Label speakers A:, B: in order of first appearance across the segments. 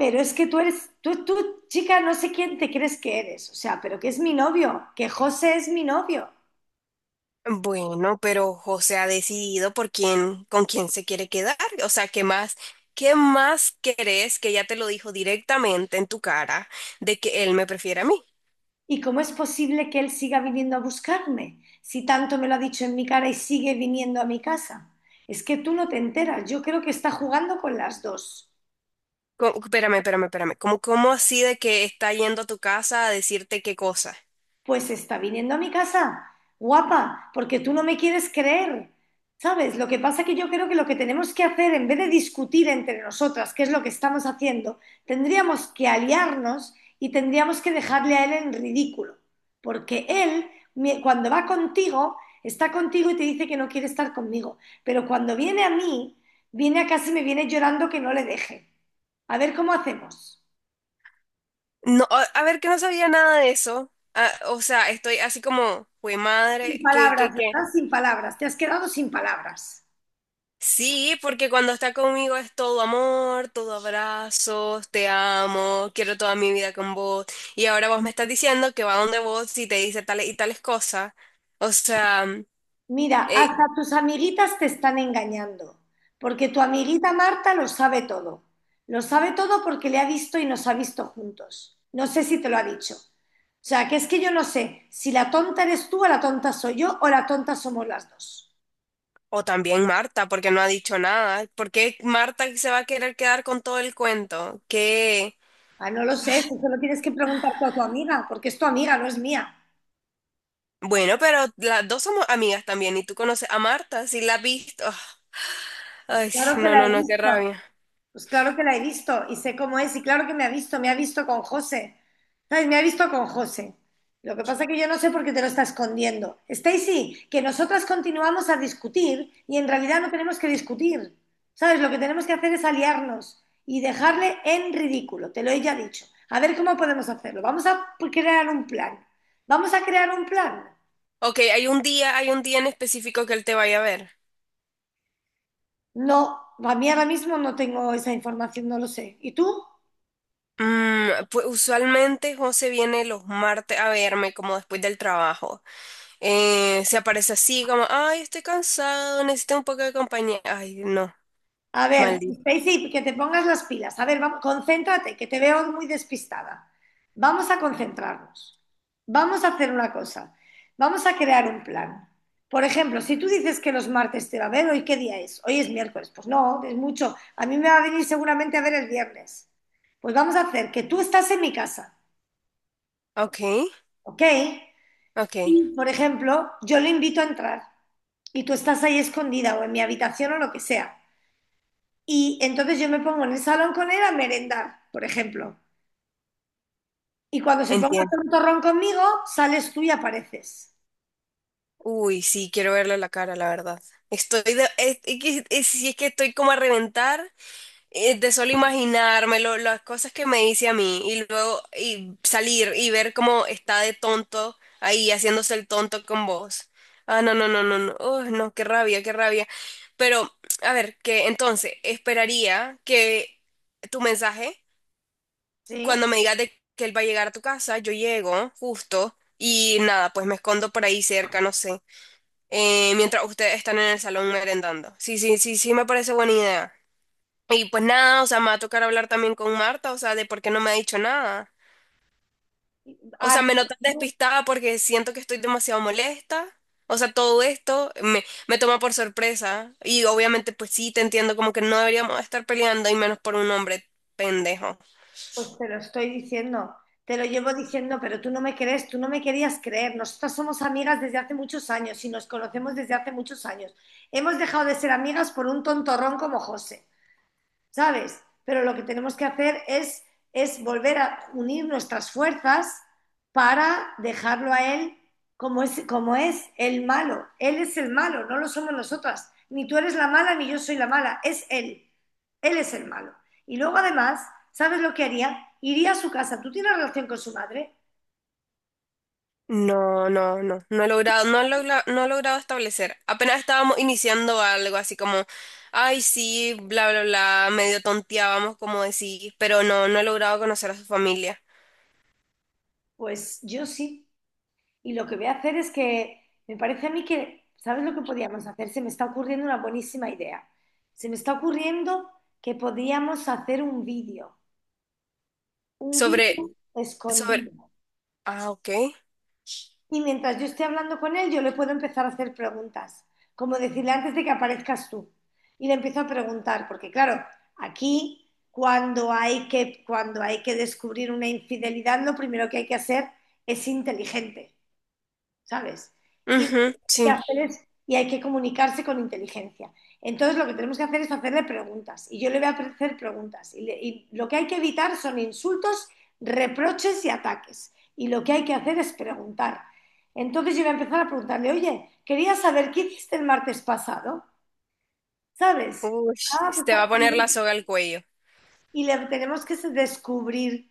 A: Pero es que tú eres, tú, chica, no sé quién te crees que eres, o sea, pero que es mi novio, que José es mi novio.
B: Bueno, pero José ha decidido por quién, con quién se quiere quedar. O sea, qué más querés que ya te lo dijo directamente en tu cara de que él me prefiere a mí?
A: ¿Y cómo es posible que él siga viniendo a buscarme si tanto me lo ha dicho en mi cara y sigue viniendo a mi casa? Es que tú no te enteras, yo creo que está jugando con las dos.
B: Espérame, espérame, espérame. ¿Cómo, cómo así de que está yendo a tu casa a decirte qué cosa?
A: Pues está viniendo a mi casa, guapa, porque tú no me quieres creer. ¿Sabes? Lo que pasa es que yo creo que lo que tenemos que hacer, en vez de discutir entre nosotras qué es lo que estamos haciendo, tendríamos que aliarnos y tendríamos que dejarle a él en ridículo. Porque él, cuando va contigo, está contigo y te dice que no quiere estar conmigo. Pero cuando viene a mí, viene a casa y me viene llorando que no le deje. A ver cómo hacemos.
B: No, a ver, que no sabía nada de eso. Ah, o sea, estoy así como, fue
A: Sin
B: madre, ¿qué, qué,
A: palabras,
B: qué?
A: ¿verdad? Sin palabras. Te has quedado sin palabras.
B: Sí, porque cuando está conmigo es todo amor, todo abrazos, te amo, quiero toda mi vida con vos. Y ahora vos me estás diciendo que va donde vos y te dice tales y tales cosas. O sea,
A: Mira,
B: eh,
A: hasta tus amiguitas te están engañando, porque tu amiguita Marta lo sabe todo. Lo sabe todo porque le ha visto y nos ha visto juntos. No sé si te lo ha dicho. O sea, que es que yo no sé si la tonta eres tú o la tonta soy yo o la tonta somos las dos.
B: o también Marta, porque no ha dicho nada. ¿Por qué Marta se va a querer quedar con todo el cuento? Que,
A: Ah, no lo sé, eso se lo tienes que preguntar a tu amiga, porque es tu amiga, no es mía.
B: bueno, pero las dos somos amigas también y tú conoces a Marta, si la has visto.
A: Pues
B: Ay,
A: claro que
B: no,
A: la
B: no,
A: he
B: no, qué
A: visto.
B: rabia.
A: Pues claro que la he visto y sé cómo es y claro que me ha visto con José. ¿Sabes? Me ha visto con José. Lo que pasa es que yo no sé por qué te lo está escondiendo. Stacy, que nosotras continuamos a discutir y en realidad no tenemos que discutir. ¿Sabes? Lo que tenemos que hacer es aliarnos y dejarle en ridículo, te lo he ya dicho. A ver cómo podemos hacerlo. Vamos a crear un plan. ¿Vamos a crear un plan?
B: Ok, hay un día en específico que él te vaya a ver.
A: No, a mí ahora mismo no tengo esa información, no lo sé. ¿Y tú?
B: Pues usualmente José viene los martes a verme como después del trabajo. Se aparece así como, ay, estoy cansado, necesito un poco de compañía. Ay, no,
A: A ver,
B: maldito.
A: Stacy, que te pongas las pilas. A ver, vamos, concéntrate, que te veo muy despistada. Vamos a concentrarnos. Vamos a hacer una cosa. Vamos a crear un plan. Por ejemplo, si tú dices que los martes te va a ver, ¿hoy qué día es? Hoy es miércoles. Pues no, es mucho. A mí me va a venir seguramente a ver el viernes. Pues vamos a hacer que tú estás en mi casa,
B: Ok,
A: ¿ok?
B: ok,
A: Y, por ejemplo, yo le invito a entrar y tú estás ahí escondida o en mi habitación o lo que sea. Y entonces yo me pongo en el salón con él a merendar, por ejemplo. Y cuando se ponga a
B: entiendo.
A: hacer un torrón conmigo, sales tú y apareces.
B: Uy, sí, quiero verle la cara, la verdad. Estoy de, es, si es que estoy como a reventar, de solo imaginármelo, las cosas que me hice a mí y luego y salir y ver cómo está de tonto ahí haciéndose el tonto con vos. Ah, no, no, no, no, no, uy, no, qué rabia, qué rabia. Pero, a ver, que entonces esperaría que tu mensaje, cuando
A: ¿Sí?
B: me digas de que él va a llegar a tu casa, yo llego justo y nada, pues me escondo por ahí cerca, no sé, mientras ustedes están en el salón merendando. Sí, sí, sí, sí, me parece buena idea. Y pues nada, o sea, me va a tocar hablar también con Marta, o sea, de por qué no me ha dicho nada. O
A: Ah,
B: sea, me notas
A: no,
B: despistada porque siento que estoy demasiado molesta. O sea, todo esto me toma por sorpresa. Y obviamente, pues sí, te entiendo como que no deberíamos estar peleando y menos por un hombre pendejo.
A: pues te lo estoy diciendo, te lo llevo diciendo, pero tú no me crees, tú no me querías creer. Nosotras somos amigas desde hace muchos años y nos conocemos desde hace muchos años. Hemos dejado de ser amigas por un tontorrón como José. ¿Sabes? Pero lo que tenemos que hacer es volver a unir nuestras fuerzas para dejarlo a él como es el malo. Él es el malo, no lo somos nosotras. Ni tú eres la mala, ni yo soy la mala. Es él. Él es el malo. Y luego además, ¿sabes lo que haría? Iría a su casa. ¿Tú tienes relación con su madre?
B: No, no, no, no he logrado, no he logrado establecer. Apenas estábamos iniciando algo así como, ay, sí, bla, bla, bla, medio tonteábamos como decís, pero no, no he logrado conocer a su familia.
A: Pues yo sí. Y lo que voy a hacer es que me parece a mí que, ¿sabes lo que podíamos hacer? Se me está ocurriendo una buenísima idea. Se me está ocurriendo que podíamos hacer un
B: Sobre...
A: vídeo
B: Sobre,
A: escondido.
B: ah, ok.
A: Y mientras yo esté hablando con él, yo le puedo empezar a hacer preguntas, como decirle antes de que aparezcas tú. Y le empiezo a preguntar, porque claro, aquí cuando hay que descubrir una infidelidad, lo primero que hay que hacer es inteligente. ¿Sabes? Y lo que
B: Ujú,
A: hay que
B: sí.
A: hacer es y hay que comunicarse con inteligencia. Entonces lo que tenemos que hacer es hacerle preguntas y yo le voy a hacer preguntas. Y, le y lo que hay que evitar son insultos, reproches y ataques. Y lo que hay que hacer es preguntar. Entonces yo voy a empezar a preguntarle, oye, quería saber qué hiciste el martes pasado, ¿sabes?
B: Uy,
A: Ah, pues,
B: te va
A: tal
B: a poner la soga al cuello.
A: y le tenemos que descubrir,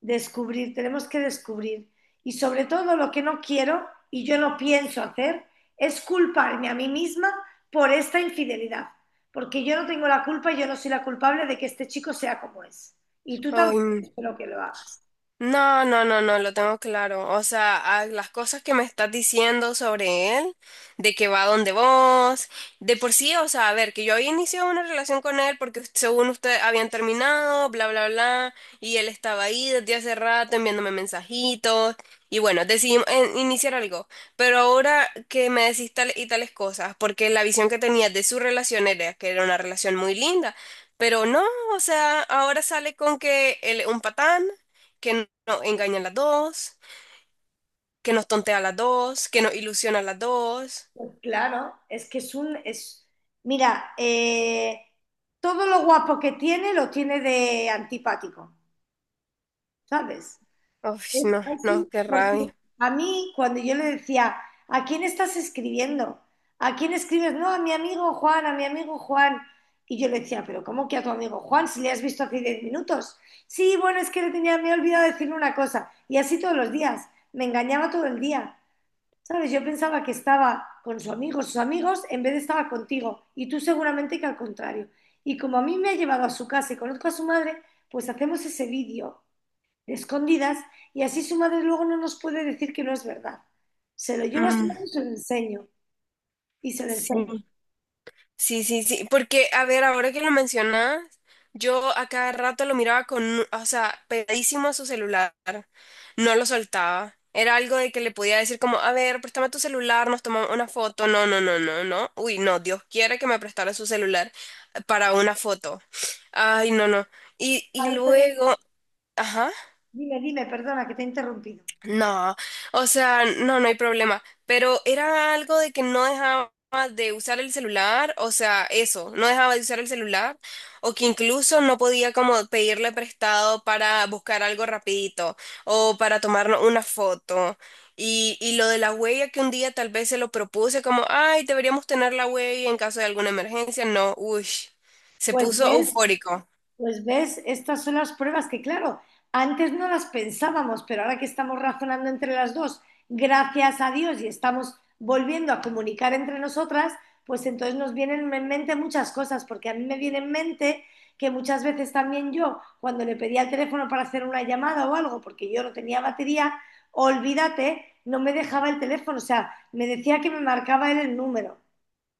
A: descubrir, tenemos que descubrir. Y sobre todo lo que no quiero y yo no pienso hacer es culparme a mí misma por esta infidelidad, porque yo no tengo la culpa, yo no soy la culpable de que este chico sea como es. Y tú
B: Ay,
A: tampoco
B: no.
A: espero que lo hagas.
B: No, no, no, no, lo tengo claro. O sea, a las cosas que me estás diciendo sobre él, de que va donde vos, de por sí, o sea, a ver, que yo había iniciado una relación con él porque según usted habían terminado, bla, bla, bla, y él estaba ahí desde hace rato enviándome mensajitos, y bueno, decidimos iniciar algo. Pero ahora que me decís tal y tales cosas, porque la visión que tenía de su relación era que era una relación muy linda, pero no, o sea, ahora sale con que él es un patán que nos engañan las dos, que nos tontea las dos, que nos ilusiona las dos.
A: Pues claro, es que es un... Es, mira, todo lo guapo que tiene lo tiene de antipático, ¿sabes?
B: Uf,
A: Es
B: no,
A: así,
B: no, qué
A: porque
B: rabia.
A: a mí, cuando yo le decía, ¿a quién estás escribiendo? ¿A quién escribes? No, a mi amigo Juan, a mi amigo Juan. Y yo le decía, ¿pero cómo que a tu amigo Juan si le has visto hace 10 minutos? Sí, bueno, es que le tenía, me he olvidado decirle una cosa. Y así todos los días. Me engañaba todo el día. ¿Sabes? Yo pensaba que estaba con su amigo, sus amigos, en vez de estaba contigo. Y tú seguramente que al contrario. Y como a mí me ha llevado a su casa y conozco a su madre, pues hacemos ese vídeo escondidas y así su madre luego no nos puede decir que no es verdad. Se lo llevo a su
B: Mm,
A: madre y se lo enseño. Y se lo enseño.
B: sí, sí, sí, sí, porque a ver, ahora que lo mencionas, yo a cada rato lo miraba con, o sea, pegadísimo a su celular, no lo soltaba. Era algo de que le podía decir como, a ver, préstame tu celular, nos tomamos una foto. No, no, no, no, no. Uy, no, Dios quiere que me prestara su celular para una foto. Ay, no, no.
A: A
B: Y
A: ver, perdona.
B: luego, ajá.
A: Dime, dime, perdona que te he interrumpido.
B: No, o sea, no, no hay problema, pero era algo de que no dejaba de usar el celular, o sea, eso, no dejaba de usar el celular, o que incluso no podía como pedirle prestado para buscar algo rapidito, o para tomarnos una foto. Y lo de la huella que un día tal vez se lo propuse como, ay, deberíamos tener la huella en caso de alguna emergencia, no, uy, se
A: Pues
B: puso
A: ves,
B: eufórico.
A: Pues ves, estas son las pruebas que, claro, antes no las pensábamos, pero ahora que estamos razonando entre las dos, gracias a Dios, y estamos volviendo a comunicar entre nosotras, pues entonces nos vienen en mente muchas cosas, porque a mí me viene en mente que muchas veces también yo, cuando le pedía el teléfono para hacer una llamada o algo, porque yo no tenía batería, olvídate, no me dejaba el teléfono, o sea, me decía que me marcaba él el número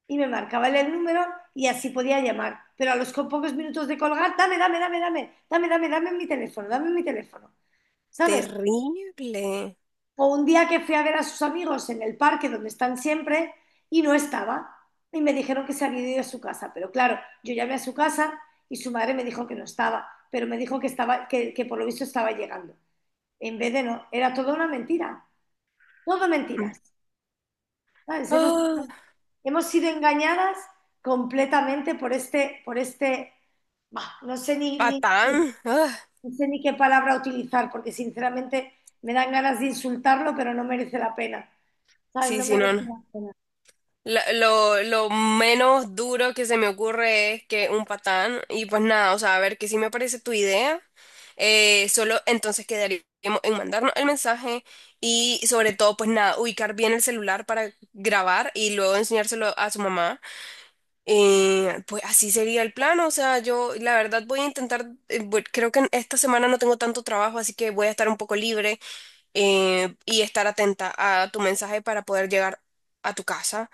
A: y me marcaban el número y así podía llamar. Pero a los pocos minutos de colgar, dame mi teléfono, dame mi teléfono, ¿sabes?
B: Terrible.
A: O un día que fui a ver a sus amigos en el parque donde están siempre y no estaba y me dijeron que se había ido a su casa. Pero claro, yo llamé a su casa y su madre me dijo que no estaba, pero me dijo que estaba, que por lo visto estaba llegando. En vez de no, era toda una mentira, todo mentiras, ¿sabes? Hemos-
B: Ah,
A: estado Hemos sido engañadas completamente por este, bah, no sé ni, ni-
B: patán. Ah.
A: ni sé ni qué palabra utilizar, porque sinceramente me dan ganas de insultarlo, pero no merece la pena. ¿Sabes?
B: Sí,
A: No
B: sí, no,
A: merece
B: no.
A: la pena.
B: Lo menos duro que se me ocurre es que un patán, y pues nada, o sea, a ver, que sí me parece tu idea, solo entonces quedaríamos en mandarnos el mensaje y sobre todo, pues nada, ubicar bien el celular para grabar y luego enseñárselo a su mamá. Pues así sería el plan, o sea, yo la verdad voy a intentar, creo que en esta semana no tengo tanto trabajo, así que voy a estar un poco libre, y estar atenta a tu mensaje para poder llegar a tu casa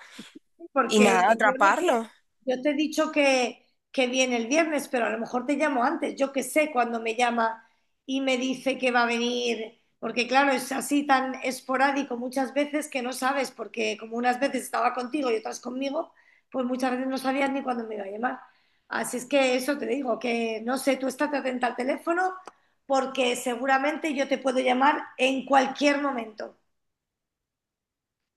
B: y
A: Porque
B: nada,
A: yo no sé,
B: atraparlo.
A: yo te he dicho que viene el viernes, pero a lo mejor te llamo antes. Yo que sé cuando me llama y me dice que va a venir, porque claro, es así tan esporádico muchas veces que no sabes, porque como unas veces estaba contigo y otras conmigo, pues muchas veces no sabías ni cuándo me iba a llamar. Así es que eso te digo, que no sé, tú estate atenta al teléfono porque seguramente yo te puedo llamar en cualquier momento.